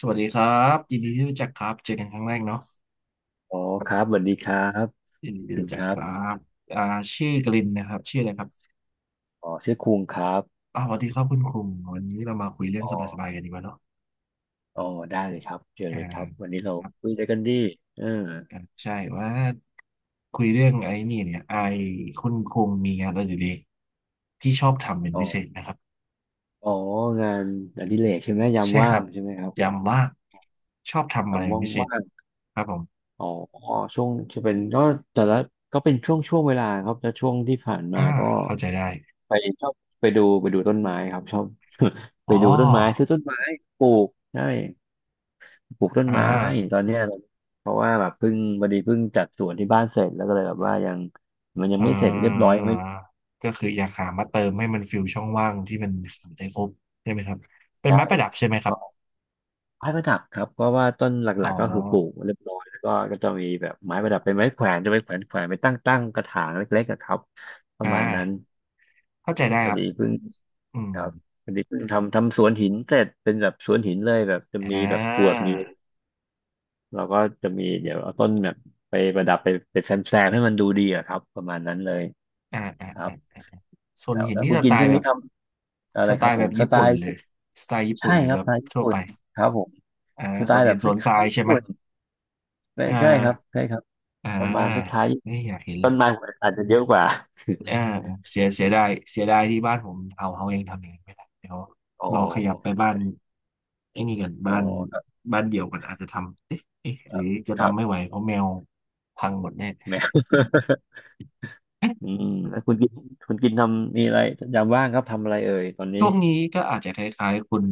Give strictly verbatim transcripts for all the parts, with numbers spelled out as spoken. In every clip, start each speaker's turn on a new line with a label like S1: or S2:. S1: สวัสดีครับยินดีที่รู้จักครับเจอกันครั้งแรกเนาะ
S2: อ๋อครับสวัสดีครับ
S1: ยินดีที่
S2: พิน
S1: รู้จั
S2: ค
S1: ก
S2: รั
S1: ครั
S2: บ
S1: บอ่าชื่อกลินนะครับชื่ออะไรครับ
S2: อ๋อชื่อคุงครับ
S1: อ๋อสวัสดีครับคุณคุงวันนี้เรามาคุยเรื่อง
S2: อ๋อ
S1: สบายๆกันดีกว่าเนาะ
S2: อ๋อได้เลยครับเชิญ
S1: อ่า
S2: เลยครับวันนี้เรา
S1: ครับ
S2: คุยอะไรกันดีเออ
S1: อ่าใช่ว่าคุยเรื่องไอ้นี่เนี่ยไอ้คุณคุงมีงานอดิเรกที่ชอบทำเป็น
S2: อ๋อ
S1: พิเศษนะครับ
S2: อ๋องานอดิเรกใช่ไหมยาม
S1: ใช่ค
S2: ว่า
S1: รั
S2: ง
S1: บ
S2: ใช่ไหมครับ
S1: ย้ำว่าชอบทำ
S2: ยา
S1: อะไร
S2: ม
S1: เป็
S2: ว่า
S1: น
S2: ง
S1: พิเศษ
S2: ว่าง
S1: ครับผม
S2: อ๋อช่วงจะเป็นก็แต่ละก็เป็นช่วงช่วงเวลาครับแต่ช่วงที่ผ่านมา
S1: อ่า
S2: ก็
S1: เข้าใจได้
S2: ไปชอบไปดูไปดูต้นไม้ครับชอบ ไป
S1: อ๋
S2: ดูต้นไม้ซื้
S1: อ
S2: อต้นไม้ปลูกใช่ ปลูกต้น
S1: อ่า
S2: ไม้ตอนเนี้ยเพราะว่าแบบเพิ่งพอดีเพิ่งจัดสวนที่บ้านเสร็จแล้วก็เลยแบบว่ายังมันยัง
S1: อ่
S2: ไม่เสร็จเรียบร้อย
S1: า
S2: ไม่
S1: ก็คืออยากหามาเติมให้มันฟิลช่องว่างที่มันขาดได้ครบใช่ไหมครับเป็น
S2: ใช่
S1: ไม้ประดับใช่ไหมครับ
S2: ก็ไม้ประดับครับเพราะว่าต้นห
S1: อ๋
S2: ลั
S1: อ
S2: กๆก็คือปลูกเรียบร้อยแล้วก็ก็จะมีแบบไม้ประดับเป็นไม้แขวนจะไปแขวนแขวนไปตั้งตั้งกระถางเล็กๆอะครับประ
S1: อ่า
S2: มาณนั้น
S1: เข้าใจได้
S2: พอ
S1: ครับ
S2: ดีเพิ่ง
S1: อืม
S2: ครับพอดีเพิ่งทำทำสวนหินเสร็จเป็นแบบสวนหินเลยแบบจะมี
S1: อ่
S2: แบบกรวด
S1: า
S2: มีเราก็จะมีเดี๋ยวเอาต้นแบบไปประดับไปไปแซมแซมให้มันดูดีอะครับประมาณนั้นเลย
S1: อ่าอ่า
S2: ครับ
S1: อ่าส่วน
S2: แล้ว
S1: หิน
S2: แล้ว
S1: ที่
S2: คุณ
S1: ส
S2: กิ
S1: ไต
S2: นช่ว
S1: ล์
S2: ง
S1: แบ
S2: นี้
S1: บ
S2: ทำอะ
S1: ส
S2: ไร
S1: ไต
S2: ครับ
S1: ล์
S2: ผ
S1: แบ
S2: ม
S1: บ
S2: ส
S1: ญี่
S2: ไต
S1: ปุ่น
S2: ล์
S1: เลยสไตล์ญี่ปุ่
S2: ใช่
S1: นหรือ
S2: ครั
S1: แบ
S2: บส
S1: บ
S2: ไตล์ญี่
S1: ทั่ว
S2: ปุ่
S1: ไป
S2: นครับผม
S1: อ่า
S2: สไต
S1: ส่วน
S2: ล์แบ
S1: หิ
S2: บ
S1: น
S2: ค
S1: ส่วนทรา
S2: ล้าย
S1: ย
S2: ๆญี่
S1: ใช่ไหม
S2: ปุ่นไม่
S1: อ่า
S2: ใช่ครับใช่ครับ
S1: อ่า
S2: ประมาณคล้าย
S1: นี่อยากเห็น
S2: ๆต้นไม้หัวอาจจะเยอะกว่า
S1: อ่าเสียเสียดายเสียดายที่บ้านผมเอาเขาเองทำเอย่างนั้นไม่ได้เดี๋ยว
S2: อ๋อ
S1: รอขยับไปบ้านไอ้นี่กัน
S2: อ๋อ
S1: บ้าน
S2: ครับ
S1: บ้านเดี่ยวกันอาจจะทำเอ๊ะเอ๊ะ
S2: ค
S1: หรื
S2: รั
S1: อ
S2: บ
S1: จะ
S2: ครับ
S1: ทำไม่ไหวเพราะแมวพังหมดแน่
S2: แมว อืมแล้วคุณกินคุณกินทำมีอะไรยามว่างครับทำอะไรเอ่ยตอนนี้
S1: ช่วงนี้ก็อาจจะคล้ายๆคุณ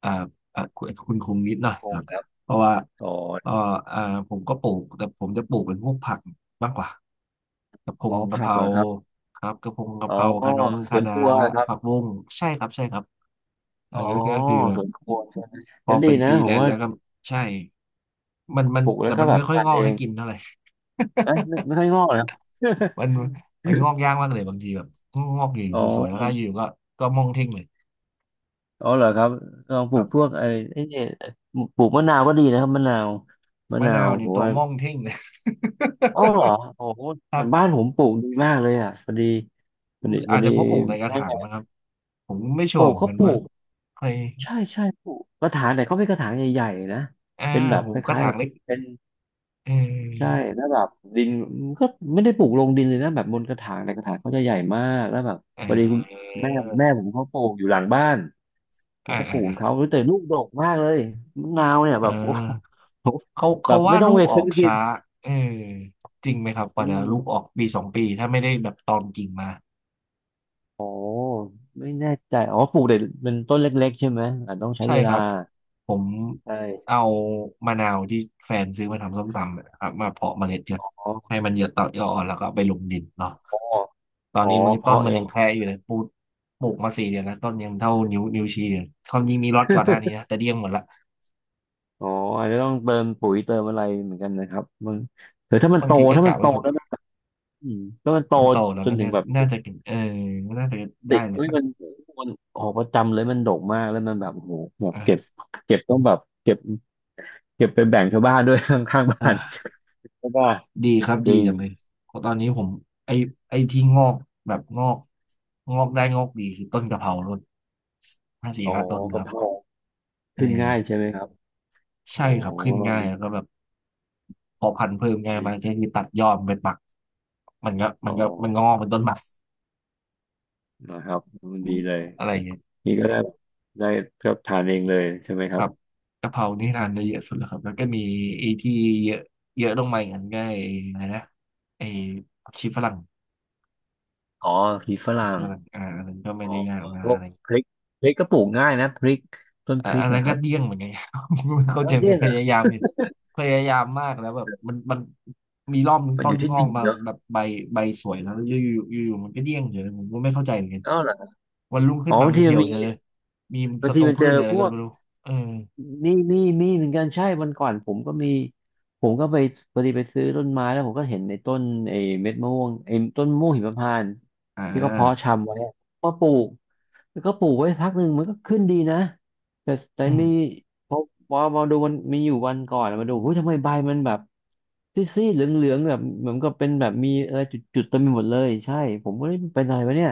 S1: เอ่อเอ่อคุณคุณคงนิดหน่อย
S2: ค
S1: ค
S2: ง
S1: รับ
S2: ครับ
S1: เพราะว่า
S2: อ๋อ
S1: เอ่อเอ่อผมก็ปลูกแต่ผมจะปลูกเป็นพวกผักมากกว่ากะเพ
S2: อ๋
S1: ง
S2: อ
S1: กะเพ
S2: ผัก
S1: รา
S2: เหรอครับ
S1: ครับกะเพงกะ
S2: อ๋อ
S1: เพราคะน้ง
S2: ส
S1: คะ
S2: วนค
S1: น้า
S2: รัวครับ
S1: ผักบุ้งใช่ครับใช่ครับ
S2: อ๋
S1: อ่า
S2: อ
S1: ก็ก็คือแบ
S2: ส
S1: บ
S2: วนครัวใช่ไหม
S1: พ
S2: ก็
S1: อ
S2: ดี
S1: เป็นฟ
S2: นะ
S1: รี
S2: ผ
S1: แล
S2: ม
S1: นซ์
S2: ว่า
S1: แล้วก็ใช่มันมัน
S2: ปลูกแล้
S1: แต่
S2: วก็
S1: มัน
S2: แบ
S1: ไม่
S2: บ
S1: ค่อย
S2: ทาน
S1: งอ
S2: เอ
S1: กให้
S2: ง
S1: กินเท่าไหร่
S2: เอ๊ะไม่ไม่ค่อยงอกเหรอ
S1: มั นมันงอกยากมากเลยบางทีแบบงอกอยู่
S2: อ๋
S1: สวยๆแล้วถ้าอยู่
S2: อ
S1: ก็ก็มองทิ้งเลย
S2: อ๋อเหรอครับลองป
S1: ค
S2: ลู
S1: รั
S2: กพว
S1: บ
S2: กไอ้ไอ้เนี่ยปลูกมะนาวก็ดีนะครับมะนาวมะ
S1: มะ
S2: นา
S1: นา
S2: ว
S1: ว
S2: ผ
S1: เนี่ย
S2: ม
S1: ตัว
S2: ว่า
S1: ม่องเท่ง
S2: อ๋อเหรอโอ้โห
S1: ครั
S2: บ้าน
S1: บ
S2: ผมปลูกดีมากเลยอ่ะพอดีพอดีพ
S1: อา
S2: อ
S1: จจะ
S2: ดี
S1: เพราะปลูกในกระ
S2: แม่
S1: ถางนะครับผมไม่ชั
S2: ป
S1: ว
S2: ลู
S1: ร์
S2: ก
S1: เหมือน
S2: เขา
S1: กัน
S2: ปลู
S1: ว่า
S2: ก
S1: ใคร
S2: ใช่ใช่ปลูกกระถางแต่เขาเป็นกระถางใหญ่ๆนะ
S1: อ่า
S2: เป็นแบบ
S1: ผ
S2: ค
S1: มกระ
S2: ล้ายๆ
S1: ถา
S2: แบ
S1: ง
S2: บ
S1: เล็ก
S2: เป็น
S1: เ
S2: ใช่
S1: ออ
S2: แล้วแบบดินก็ไม่ได้ปลูกลงดินเลยนะแบบบนกระถางแต่กระถางเขาจะใหญ่มากแล้วแบบ
S1: อ่
S2: พอดีคุณ
S1: า
S2: แม่แม่ผมเขาปลูกอยู่หลังบ้าน เขา
S1: อ่า
S2: ก็ป
S1: อ่า
S2: ลูกของเขาแต่ลูกดกมากเลยมะนาวเนี่ย
S1: อ่า
S2: แบบโอ้โห
S1: เขา
S2: แบ
S1: เขา
S2: บ
S1: ว่า
S2: ไม่ต้อ
S1: ลู
S2: งไป
S1: กออ
S2: ซื้อ
S1: ก
S2: กิน
S1: ช้าเออจริงไหมครับก
S2: อื
S1: ว่า
S2: ม
S1: จะลูกออกปีสองปีถ้าไม่ได้แบบตอนกิ่งมา
S2: โอ้ไม่แน่ใจอ๋อปลูกแต่เป็นต้นเล็กๆใช่ไหมอาจต้องใช้
S1: ใช่
S2: เว
S1: ค
S2: ลา
S1: รับผม
S2: ใช่
S1: เอา
S2: ใช่
S1: มะนาวที่แฟนซื้อมาทำส้มตำนะครับมาเพาะเมล็ดกัน
S2: อ๋อ
S1: ให้มันเหยอะต่อยอดแล้วก็เอาไปลงดินเนาะตอ
S2: อ๋
S1: น
S2: อ
S1: นี้มันต้น
S2: เพาะ
S1: มั
S2: เอ
S1: น
S2: ง
S1: ยังแค่อยู่เลยปลูกปลูกมาสี่เดือนแล้วต้นยังเท่านิ้วนิ้วชี้เลยความจริงมีรอดก่อนหน้านี้นะแต่เดี้ยงหมดละ
S2: อ๋ออาจจะต้องเติมปุ๋ยเติมอะไรเหมือนกันนะครับมันหรือถ้ามัน
S1: บา
S2: โต
S1: งทีก็
S2: ถ้ามั
S1: กะ
S2: นโต
S1: ไว้ถูก
S2: แล้วนะอืมถ้ามันโต
S1: มันโตแล้ว
S2: จ
S1: ก็
S2: นถึ
S1: เนี่
S2: ง
S1: ย
S2: แบบจุ
S1: น่า
S2: ด
S1: จะกินเออน่าจะ
S2: ติ
S1: ได้
S2: ด
S1: นะ
S2: เฮ้
S1: ค
S2: ย
S1: รับ
S2: มันมันออกประจำเลยมันดกมากแล้วมันแบบโอ้โหแบบเก็บ
S1: อ่า
S2: เก็บต้องแบบเก็บเก็บไปแบ่งชาวบ้านด้วย ข้างๆบ้าน
S1: อ่า
S2: ใช่ป่ะ
S1: ดีครับ
S2: จ
S1: ดี
S2: ริง
S1: จังเลยเพราะตอนนี้ผมไอไอที่งอกแบบงอกงอกได้งอกดีคือต้นกะเพราต้นห้าสี่
S2: อ๋อ
S1: ห้าต้นค
S2: กะ
S1: รับ
S2: เพรา
S1: เอ
S2: ขึ้นง่ายใช่
S1: อ
S2: ไหมครับอ๋อ
S1: ใช่ครับขึ้นง่าย
S2: ดี
S1: แล้วก็แบบพอพันธุ์เพิ่มง่ายมาก
S2: ดี
S1: ใช่คือตัดยอดมันเป็นปักมันก็
S2: อ๋
S1: มั
S2: อ
S1: นก็มันงอกเป็นต้นบัก
S2: นะครับดีเลย
S1: อะไรอย่างเงี้ย
S2: นี่ก็ได้ได้ก็ทานเองเลยใช่ไหมค
S1: ค
S2: รั
S1: รั
S2: บ
S1: บกะเพรานี่ทานได้เยอะสุดแล้วครับแล้วก็มีไอ้ที่เยอะเยอะลงมาอย่างนั้นก็ไอ้อะไรนะไอ้ผักชีฝรั่ง
S2: อ๋อพริกฝ
S1: ผั
S2: รั่
S1: กชี
S2: ง
S1: ฝรั่งอ่าอันนั้นก็ไม่
S2: อ๋อ
S1: ได้ยากมา
S2: พ
S1: ก
S2: วก
S1: อะไร
S2: พริกพริกก็ปลูกง่ายนะพริกต้น
S1: อ่ะ
S2: พริ
S1: อั
S2: ก
S1: นนั้
S2: นะ
S1: น
S2: ค
S1: ก็
S2: รับ
S1: เดี้ยงเหมือนกัน ครับ เข้า
S2: อ้า
S1: ใจ
S2: ว
S1: ม
S2: เนี่
S1: กั
S2: ย
S1: น
S2: เห
S1: พ
S2: รอ
S1: ยายามอยู่พยายามมากแล้วแบบมันมันมีรอบหนึง
S2: มัน
S1: ต้
S2: อ
S1: น
S2: ยู่ที่
S1: งอ
S2: ดิ
S1: ก
S2: น
S1: มา
S2: เนาะ
S1: แบบใบใบสวยแล้วอยู่อยู่อยู่อยู่มันก็เดี้ยงเฉยเลยผมก็ไม่เข้าใจเหมือนกัน
S2: อ้าวเหรอ
S1: วันรุ่ง
S2: อ๋
S1: ขึ้
S2: อ
S1: นมา
S2: บาง
S1: มัน
S2: ทีมั
S1: เหี่
S2: น
S1: ยว
S2: มี
S1: เฉยเลยมี
S2: บาง
S1: ศัต
S2: ที
S1: รู
S2: มัน
S1: พื
S2: เจ
S1: ชห
S2: อ
S1: รืออะไร
S2: พ
S1: ก็
S2: วก
S1: ไม่รู้เออ
S2: มีมีมีเหมือนกันใช่ วันก่อนผมก็มี ผมก็ไปพอดีไปซื้อต้นไม้แล้วผมก็เห็นในต้นไอ้เม็ดมะม่วงไอ้ต้นมะม่วงหิมพานต์
S1: อ่
S2: ที่เขาเพาะ
S1: า
S2: ชำไว้อะมาปลูก แล้วก็ปลูกไว้พักหนึ่งมันก็ขึ้นดีนะแต่แต่
S1: อืม
S2: มีพอพอมาดูมันมีอยู่วันก่อนมาดูเฮ้ยทำไมใบมันแบบซีดๆเหลืองๆแบบเหมือนกับเป็นแบบมีอะไรจุดๆเต็มไปหมดเลยใช่ผมก็เลยเป็นอะไรวะเนี่ย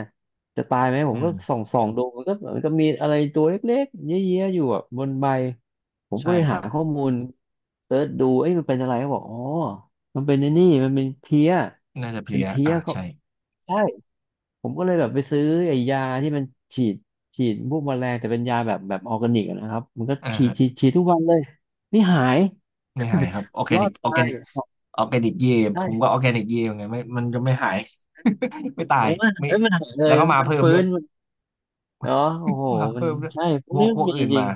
S2: จะตายไหมผ
S1: อื
S2: มก็ส่อ
S1: ม
S2: งส่องดูมันก็มันก็มีอะไรตัวเล็กๆเยอะๆอยู่แบบบนใบผมก็
S1: ใช่
S2: เลย
S1: ค
S2: หา
S1: รับ
S2: ข้อมูลเสิร์ชดูเอ้ยมันเป็นอะไรเขาบอกอ๋อมันเป็นไอ้นี่มันเป็นเพลี้ย
S1: น่าจะเพ
S2: เป็
S1: ลี
S2: น
S1: ย
S2: เพลี้ย
S1: อ่ะ
S2: เขา
S1: ใช่
S2: ใช่ ผมก็เลยแบบไปซื้อไอ้ยาที่มันฉีดฉีดพวกแมลงแต่เป็นยาแบบแบบออร์แกนิกอะนะครับมันก็
S1: อ่า
S2: ฉีด
S1: ฮะ
S2: ฉีดฉีดทุกวันเลยนี่หาย
S1: ไม่หายครับออร์แก
S2: รอ
S1: นิก
S2: ด
S1: ออร์
S2: ตา
S1: แก
S2: ย
S1: นิกออร์แกนิกเยผม
S2: ใช่
S1: ก็ออร์แกนิกเยเหมือนกันไม่มันก็ไม่หาย ไม่ตา
S2: ผ
S1: ย
S2: มว่า
S1: ไม่
S2: เอ้ยมันหายเล
S1: แล้ว
S2: ย
S1: ก็มา
S2: มัน
S1: เพิ่ม
S2: ฟื้
S1: ด้วย
S2: นมันเนาะโอ้โห
S1: ว่า
S2: มั
S1: เพิ่
S2: น
S1: มด้วย
S2: ใช่พว
S1: พ
S2: ก
S1: ว
S2: นี้
S1: กพ
S2: มัน
S1: วก
S2: มี
S1: อื่น
S2: จริ
S1: มา
S2: ง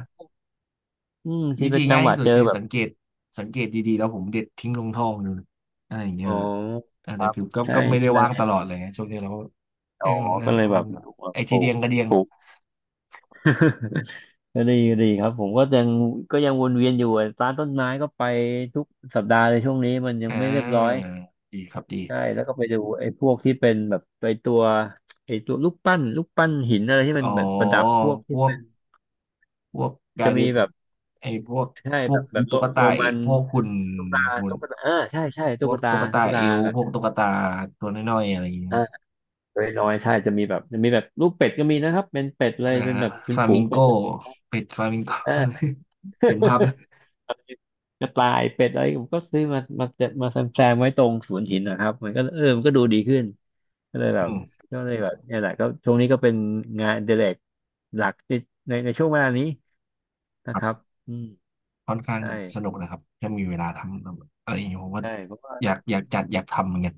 S2: อืมที่
S1: วิ
S2: ไป
S1: ธี
S2: จั
S1: ง่า
S2: ง
S1: ย
S2: หวั
S1: ที่
S2: ด
S1: สุ
S2: เจ
S1: ด
S2: อ
S1: คือ
S2: แบบ
S1: สังเกตสังเกตดีๆแล้วผมเด็ดทิ้งลงท่อดูอะไรอย่าง
S2: อ๋
S1: เงี้
S2: อ
S1: ยอ่า
S2: ค
S1: แต่
S2: รับ
S1: คือก็
S2: ใช่
S1: ก็ไม่ได้ว่าง
S2: ใช่
S1: ตลอดเลยไงช่วงนี้เราก็
S2: อ๋
S1: เอ
S2: อ
S1: อมั
S2: ก็
S1: น
S2: เลยแบ
S1: มั
S2: บ
S1: น
S2: อยู่แบบ
S1: ไอ
S2: ป
S1: ที
S2: ลู
S1: เดี
S2: ก
S1: ยงกระเดียง
S2: ปลูก ก็ดีก็ดีครับผมก็ยังก็ยังวนเวียนอยู่อะร้านต้นไม้ก็ไปทุกสัปดาห์เลยช่วงนี้มันยั
S1: อ่
S2: งไม่เรียบร้อย
S1: าดีครับดี
S2: ใช่แล้วก็ไปดูไอ้พวกที่เป็นแบบไปตัวไอ้ตัวลูกปั้นลูกปั้นหินอะไรที่มั
S1: อ๋
S2: น
S1: อ
S2: แบบประดับพวก
S1: พ
S2: ที่
S1: วก
S2: เป็น
S1: พวกกา
S2: จะ
S1: รเด
S2: มี
S1: น
S2: แบบ
S1: ไอพวก
S2: ใช่
S1: พ
S2: แบ
S1: วก
S2: บแบบโร
S1: ตุ๊ก
S2: โร
S1: ตาเอ
S2: มัน
S1: พวกหุ่น
S2: ตุ๊กตา
S1: หุ่น
S2: ตุ๊กตาเออใช่ใช่
S1: พ
S2: ตุ๊
S1: ว
S2: ก
S1: ก
S2: ตา
S1: ตุ๊ก
S2: ตุ๊
S1: ตา
S2: กตา
S1: เอว
S2: แบบ
S1: พวกตุ๊กตาตัวน้อยๆอะไรอย่างเงี้ย
S2: เออน้อยๆใช่จะมีแบบจะมีแบบลูกเป็ดก็มีนะครับเป็นเป็ดเลย
S1: นะ
S2: เป็น
S1: ฮะ
S2: แบบเป็
S1: ฟ
S2: น
S1: ลา
S2: ฝู
S1: มิ
S2: ง
S1: งโก
S2: เป็ดอะ
S1: เป็ดฟลามิงโก
S2: เออ
S1: เห็นภาพเลย
S2: กระต่ายเป็ดอะไรผมก็ซื้อมามาจะมาแซมแซมไว้ตรงสวนหินนะครับมันก็เออมันก็ดูดีขึ้นก็เลยแบ
S1: อื
S2: บ
S1: ม
S2: ก็เลยแบบเนี่ยแหละก็ช่วงนี้ก็เป็นงานอดิเรกหลักในในในช่วงเวลานี้
S1: ค
S2: นะครับ
S1: รับ
S2: อืม
S1: ค่อนข้าง
S2: ใช่
S1: สนุกนะครับถ้ามีเวลาทำอะไรอย่างเงี้ยผมว่า
S2: ใช่เพราะว่า
S1: อยากอยากจัดอยากทำเหมือนกัน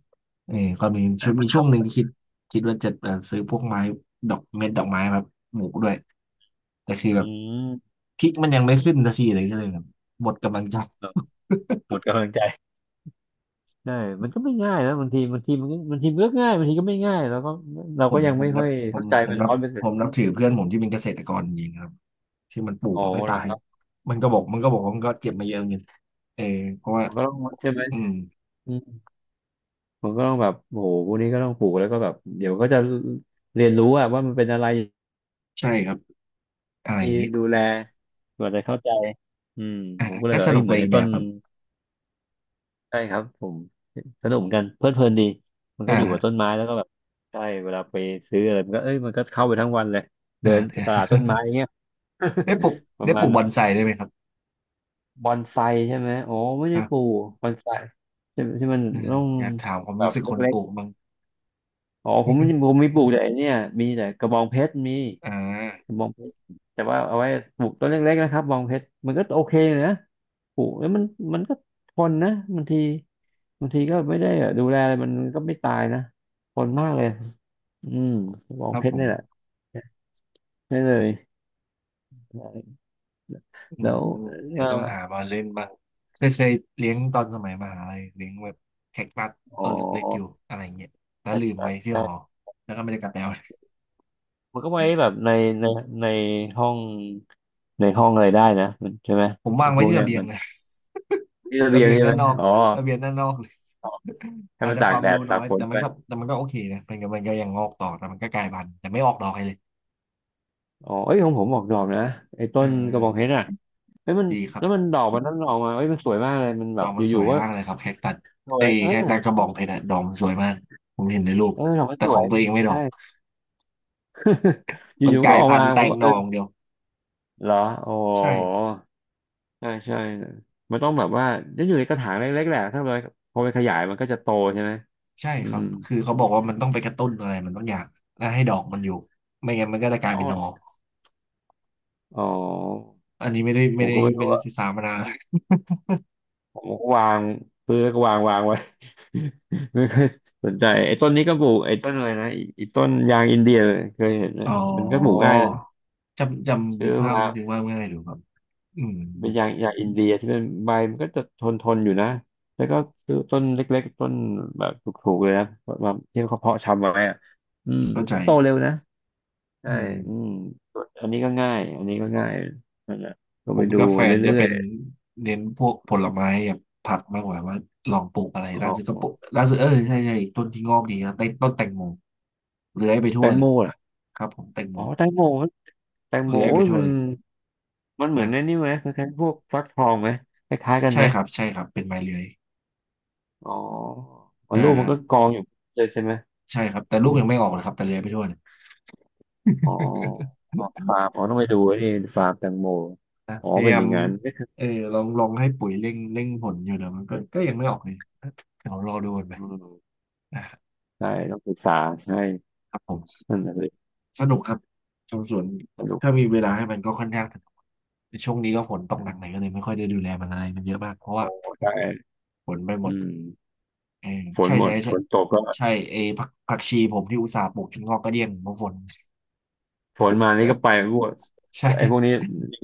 S1: เออก็มี
S2: ใช่
S1: ช่วง
S2: มั
S1: มี
S2: นท
S1: ช่วงหนึ่งคิดคิดว่าจะเอ่อซื้อพวกไม้ดอกเม็ดดอกไม้แบบปลูกด้วยแต่คือ
S2: ำ
S1: แบ
S2: อื
S1: บ
S2: ม
S1: พริกมันยังไม่ขึ้นสักทีเลยก็เลยแบบหมดกำลังใจ
S2: หมดกำลังใจใช่มันก็ไม่ง่ายนะบางทีบางทีมันก็บางทีมันก็ง่ายบางทีก็ไม่ง่ายแล้วก็เรา
S1: ผ
S2: ก็
S1: ม
S2: ยัง
S1: ผ
S2: ไม่
S1: ม
S2: ค่
S1: นั
S2: อ
S1: บ
S2: ย
S1: ผ
S2: เข้า
S1: ม
S2: ใจ
S1: ผม
S2: มัน
S1: นับ
S2: ร้อยเปอร์เซ็
S1: ผ
S2: นต์
S1: มนับถือเพื่อนผมที่เป็นเกษตรกรจริงๆครับที่มันปลูก
S2: โอ้
S1: มันไม่
S2: เหร
S1: ตา
S2: อ
S1: ย
S2: ครับ
S1: มันก็บอกมันก็บอก
S2: โอ้
S1: ว่ามันก็เจ็บมาเยอะเงินเออเพราะว่า
S2: มันก็ต้องใช่ไหม
S1: อืม
S2: มันก็ต้องแบบโอ้โหพวกนี้ก็ต้องปลูกแล้วก็แบบเดี๋ยวก็จะเรียนรู้อะว่ามันเป็นอะไร
S1: ใช่ครับอะไรอย่างงี้
S2: ดูแลกว่าจะเข้าใจอืม
S1: อ่า
S2: ผมก็เล
S1: ก็
S2: ยแบบ
S1: ส
S2: เอ้
S1: นุ
S2: ย
S1: ก
S2: เห
S1: ไป
S2: มือน
S1: อี
S2: ไอ้
S1: กแบ
S2: ต้น
S1: บครับ
S2: ใช่ครับผมสนุกเหมือนกันเพลิดเพลินดีมันก็
S1: อ่า
S2: อยู่กับ
S1: ฮะ
S2: ต้นไม้แล้วก็แบบใช่เวลาไปซื้ออะไรมันก็เอ้ยมันก็เข้าไปทั้งวันเลยเดิ
S1: อ่า
S2: นตลาดต้นไม้ อย่างเงี้ย
S1: ได้ปลูก
S2: ประ
S1: ได้
S2: มา
S1: ป
S2: ณ
S1: ลูกบ
S2: นั้
S1: อ
S2: น
S1: นไซได้วยไหมครับ
S2: บอนไซใช่ไหมโอ้ไม่ได้
S1: อ่า
S2: ปลูกบอนไซใช่ไหมที่มัน
S1: เออ
S2: ต้อง
S1: อยากถามความ
S2: แบ
S1: รู้
S2: บ
S1: สึกคน
S2: เล็
S1: ป
S2: ก
S1: ลูกบ้าง
S2: ๆอ๋อผมไม่ผมมีปลูกแต่ไอ้เนี่ยมีแต่กระบองเพชรมี
S1: อ่า
S2: บองเพชรแต่ว่าเอาไว้ปลูกต้นเล็กๆนะครับบองเพชรมันก็โอเคอยู่นะปลูกแล้วมันมันก็ทนนะบางทีบางทีก็ไม่ได้ดูแลอะไรมันก็ไม่ตายนะทนมากเลยอืมบอ
S1: ค
S2: ง
S1: รั
S2: เพ
S1: บ
S2: ช
S1: ผ
S2: ร
S1: ม
S2: นี่แหละใช่เลย
S1: อื
S2: แล้
S1: ม
S2: ว
S1: อืมเดี๋
S2: เอ่
S1: ย
S2: อ
S1: วต้องหามาเล่นบ้างเคยเคยเลี้ยงตอนสมัยมหาลัยเลี้ยงแบบแคคตัส
S2: อ๋อ
S1: ต้นเล็กๆอยู่อะไรเงี้ยแล้ว
S2: ใช่
S1: ลืม
S2: ใช่
S1: ไว้ที่หอ
S2: ใช่
S1: แล้วก็ไม่ได้กลับไปเอา
S2: มันก็ไว้แบบในในในห้องในห้องอะไรได้นะมันใช่ไหม
S1: ผมวา
S2: ไอ้
S1: ง
S2: พ
S1: ไว้
S2: วก
S1: ที่
S2: เนี้
S1: ระ
S2: ย
S1: เบีย
S2: มั
S1: ง
S2: น
S1: เลย
S2: ที่ระ
S1: ระ
S2: เบียง
S1: เบียง
S2: ใช่ไห
S1: ด้า
S2: ม
S1: นนอก
S2: อ๋อ
S1: ระเบียงด้านนอกเลย
S2: อ๋อให้
S1: อาจ
S2: มัน
S1: จะค
S2: ตาก
S1: วาม
S2: แด
S1: รู้
S2: ด
S1: น้
S2: ตา
S1: อ
S2: ก
S1: ย
S2: ฝ
S1: แต่
S2: น
S1: มั
S2: ไป
S1: นก็แต่มันก็โอเคนะมันก็มันก็ยังงอกต่อแต่มันก็กลายพันธุ์แต่ไม่ออกดอกให้เลย
S2: อ๋อเอ้ยของผมออกดอกนะไอ้ต้
S1: เอ
S2: นกระบองเพ
S1: อ
S2: ชรอ่ะ เฮ้ยมัน
S1: ดีครั
S2: แล้วมัน
S1: บ
S2: ดอกมันนั่นออกมาเฮ้ยมันสวยมากเลยมันแบ
S1: ด
S2: บ
S1: อกมัน
S2: อ
S1: ส
S2: ยู่
S1: วย
S2: ๆก็
S1: มากเลยครับแคคตัส
S2: สว
S1: ไอ้
S2: ย
S1: ย
S2: เออ
S1: แคคตัสกระบองเพชรอะดอกมันสวยมากผมเห็นในรูป
S2: เออดอกมัน
S1: แต่
S2: ส
S1: ข
S2: ว
S1: อ
S2: ย
S1: งตัวเองไม่ดอ
S2: ใช่
S1: ก
S2: อ
S1: มัน
S2: ยู่
S1: ก
S2: ๆก็
S1: ลาย
S2: ออก
S1: พั
S2: มา
S1: นธุ์แต
S2: ผม
S1: ง
S2: ก็
S1: ห
S2: เอ
S1: น่
S2: อ
S1: ออย่างเดียว
S2: เหรอโอ้โ
S1: ใช่
S2: หใช่ใช่มันต้องแบบว่าจะอยู่ในกระถางเล็กๆแหละถ้าเราพอไปขยายมันก็จะโตใช่ไหม
S1: ใช่
S2: อื
S1: ครั
S2: ม
S1: บคือเขาบอกว่ามันต้องไปกระตุ้นอะไรมันต้องอยากล้วให้ดอกมันอยู่ไม่งั้นมันก็จะกลาย
S2: อ๋
S1: เป็นนอ
S2: ออ๋อ
S1: อันนี้ไม่ได้
S2: ผ
S1: ไม่
S2: ม
S1: ได้
S2: ก็ไม่
S1: ไม่
S2: รู้
S1: ได้
S2: อ่ะ
S1: ศึกษามานาน
S2: ผมก็วางซื้อแล้วก็วางวางไว้ ไม่เคอยสนใจไอ้ต้นนี้ก็ปลูกไอ้ต้นอะไรนะไอ้ไอ้ต้นยางอินเดียเคยเห็นไหม
S1: อ๋อ
S2: มันก็ปลูกง่ายนะ
S1: จำจำ
S2: ซื้
S1: นึ
S2: อ
S1: กภาพ
S2: มา
S1: ถึงว่าง่ายดูครับอืม
S2: เป็นอย่างอย่างอินเดียที่มันใบมันก็จะทนทนอยู่นะแล้วก็ซื้อต้นเล็กๆต้นแบบถูกๆเลยนะมาที่เขาเพาะชำไว้อะอืม
S1: เข้าใจ
S2: โตเร็วนะใช่
S1: อืม
S2: อืมอันนี้ก็ง่ายอันนี้ก็ง่ายนั่นแหละก็
S1: ผ
S2: ไป
S1: ม
S2: ดู
S1: กับแฟ
S2: มา
S1: นจะ
S2: เรื่อ
S1: เป็
S2: ย
S1: นเน้นพวกผลไม้กับผักมากกว่าว่าลองปลูกอะไร
S2: ๆอ๋อ
S1: ล่าสุดก็ปลูกล่าสุดเออใช่ใช่ต้นที่งอกดีนะต้นต้นแตงโมเลื้อยไป
S2: แต
S1: ทั่ว
S2: ง
S1: เล
S2: โม
S1: ย
S2: ล่ะ
S1: ครับผมแตงโม
S2: อ๋อแตงโมแตงโม
S1: เลื้อย
S2: โอ้
S1: ไป
S2: ย
S1: ทั่ว
S2: มัน
S1: เลย
S2: มันเหมือน
S1: นะ
S2: ไอ้นี่ไหมคล้ายๆพวกฟักทองไหมคล้ายๆกันไห
S1: ใช่
S2: ม
S1: ครับใช่ครับเป็นไม้เลื้อย
S2: อ๋ออ๋อ
S1: อ่
S2: ลูกมันก็ก
S1: า
S2: องอยู่เลยใช่ไหม
S1: ใช่ครับแต่ลูกยังไม่ออกนะครับแต่เลื้อยไปทั่วเนี่ย
S2: อ๋อ ฟาร์มอ๋อต้องไปดูไอ้นี่ฟาร์มแตงโม
S1: นะ
S2: อ๋อ
S1: พยา
S2: เป็น
S1: ยา
S2: อ
S1: ม
S2: ย่างนั้นไม่เคย
S1: เออลองลองให้ปุ๋ยเร่งเร่งผลอยู่นะมันก็ก็ยังไม่ออกเลยเดี๋ยวรอดูกันไป
S2: อืม
S1: นะ
S2: ใช่ต้องศึกษาใช่
S1: ครับผม
S2: นั่นแหละสิ
S1: สนุกครับชมสวน
S2: สนุก
S1: ถ้ามีเวลาให้มันก็ค่อนข้างสนุกแต่ช่วงนี้ก็ฝนตกหนักหน่อยก็เลยไม่ค่อยได้ดูแลมันอะไรมันเยอะมากเพราะว่า
S2: โอ้ได้
S1: ฝนไปหม
S2: อื
S1: ด
S2: ม
S1: เออ
S2: ฝน
S1: ใช่
S2: หมด
S1: ใช่
S2: ฝ
S1: ใช่
S2: นตกก็
S1: ใช่เอผักผักชีผมที่อุตส่าห์ปลูกจนงอกกระเดี้ยงเพราะฝน
S2: ฝนมานี่ก็ไปรั่
S1: ใช่
S2: ไอ้พวกนี้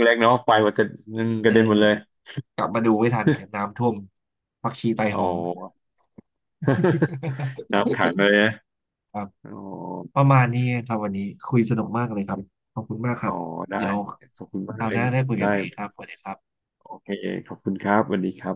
S2: เล็กๆเนาะไปหมดกระนึ่งก
S1: เอ
S2: ระเด็นหมดเลย
S1: อกลับมาดูไม่ทันครับน้ำท่วมผักชีไต
S2: โอ้
S1: หง
S2: น้ำขังเลยนะ
S1: ครับ
S2: โอ้
S1: ประมาณนี้ครับวันนี้คุยสนุกมากเลยครับขอบคุณมากค
S2: โอ้
S1: รับ
S2: ได้
S1: เดี๋ยว
S2: ขอบคุณมา
S1: ค
S2: ก
S1: ราว
S2: เล
S1: ห
S2: ย
S1: น้าได้คุยกั
S2: ได้
S1: นใหม่อีกครับสวัสดีครับ
S2: โอเคขอบคุณครับสวัสดีครับ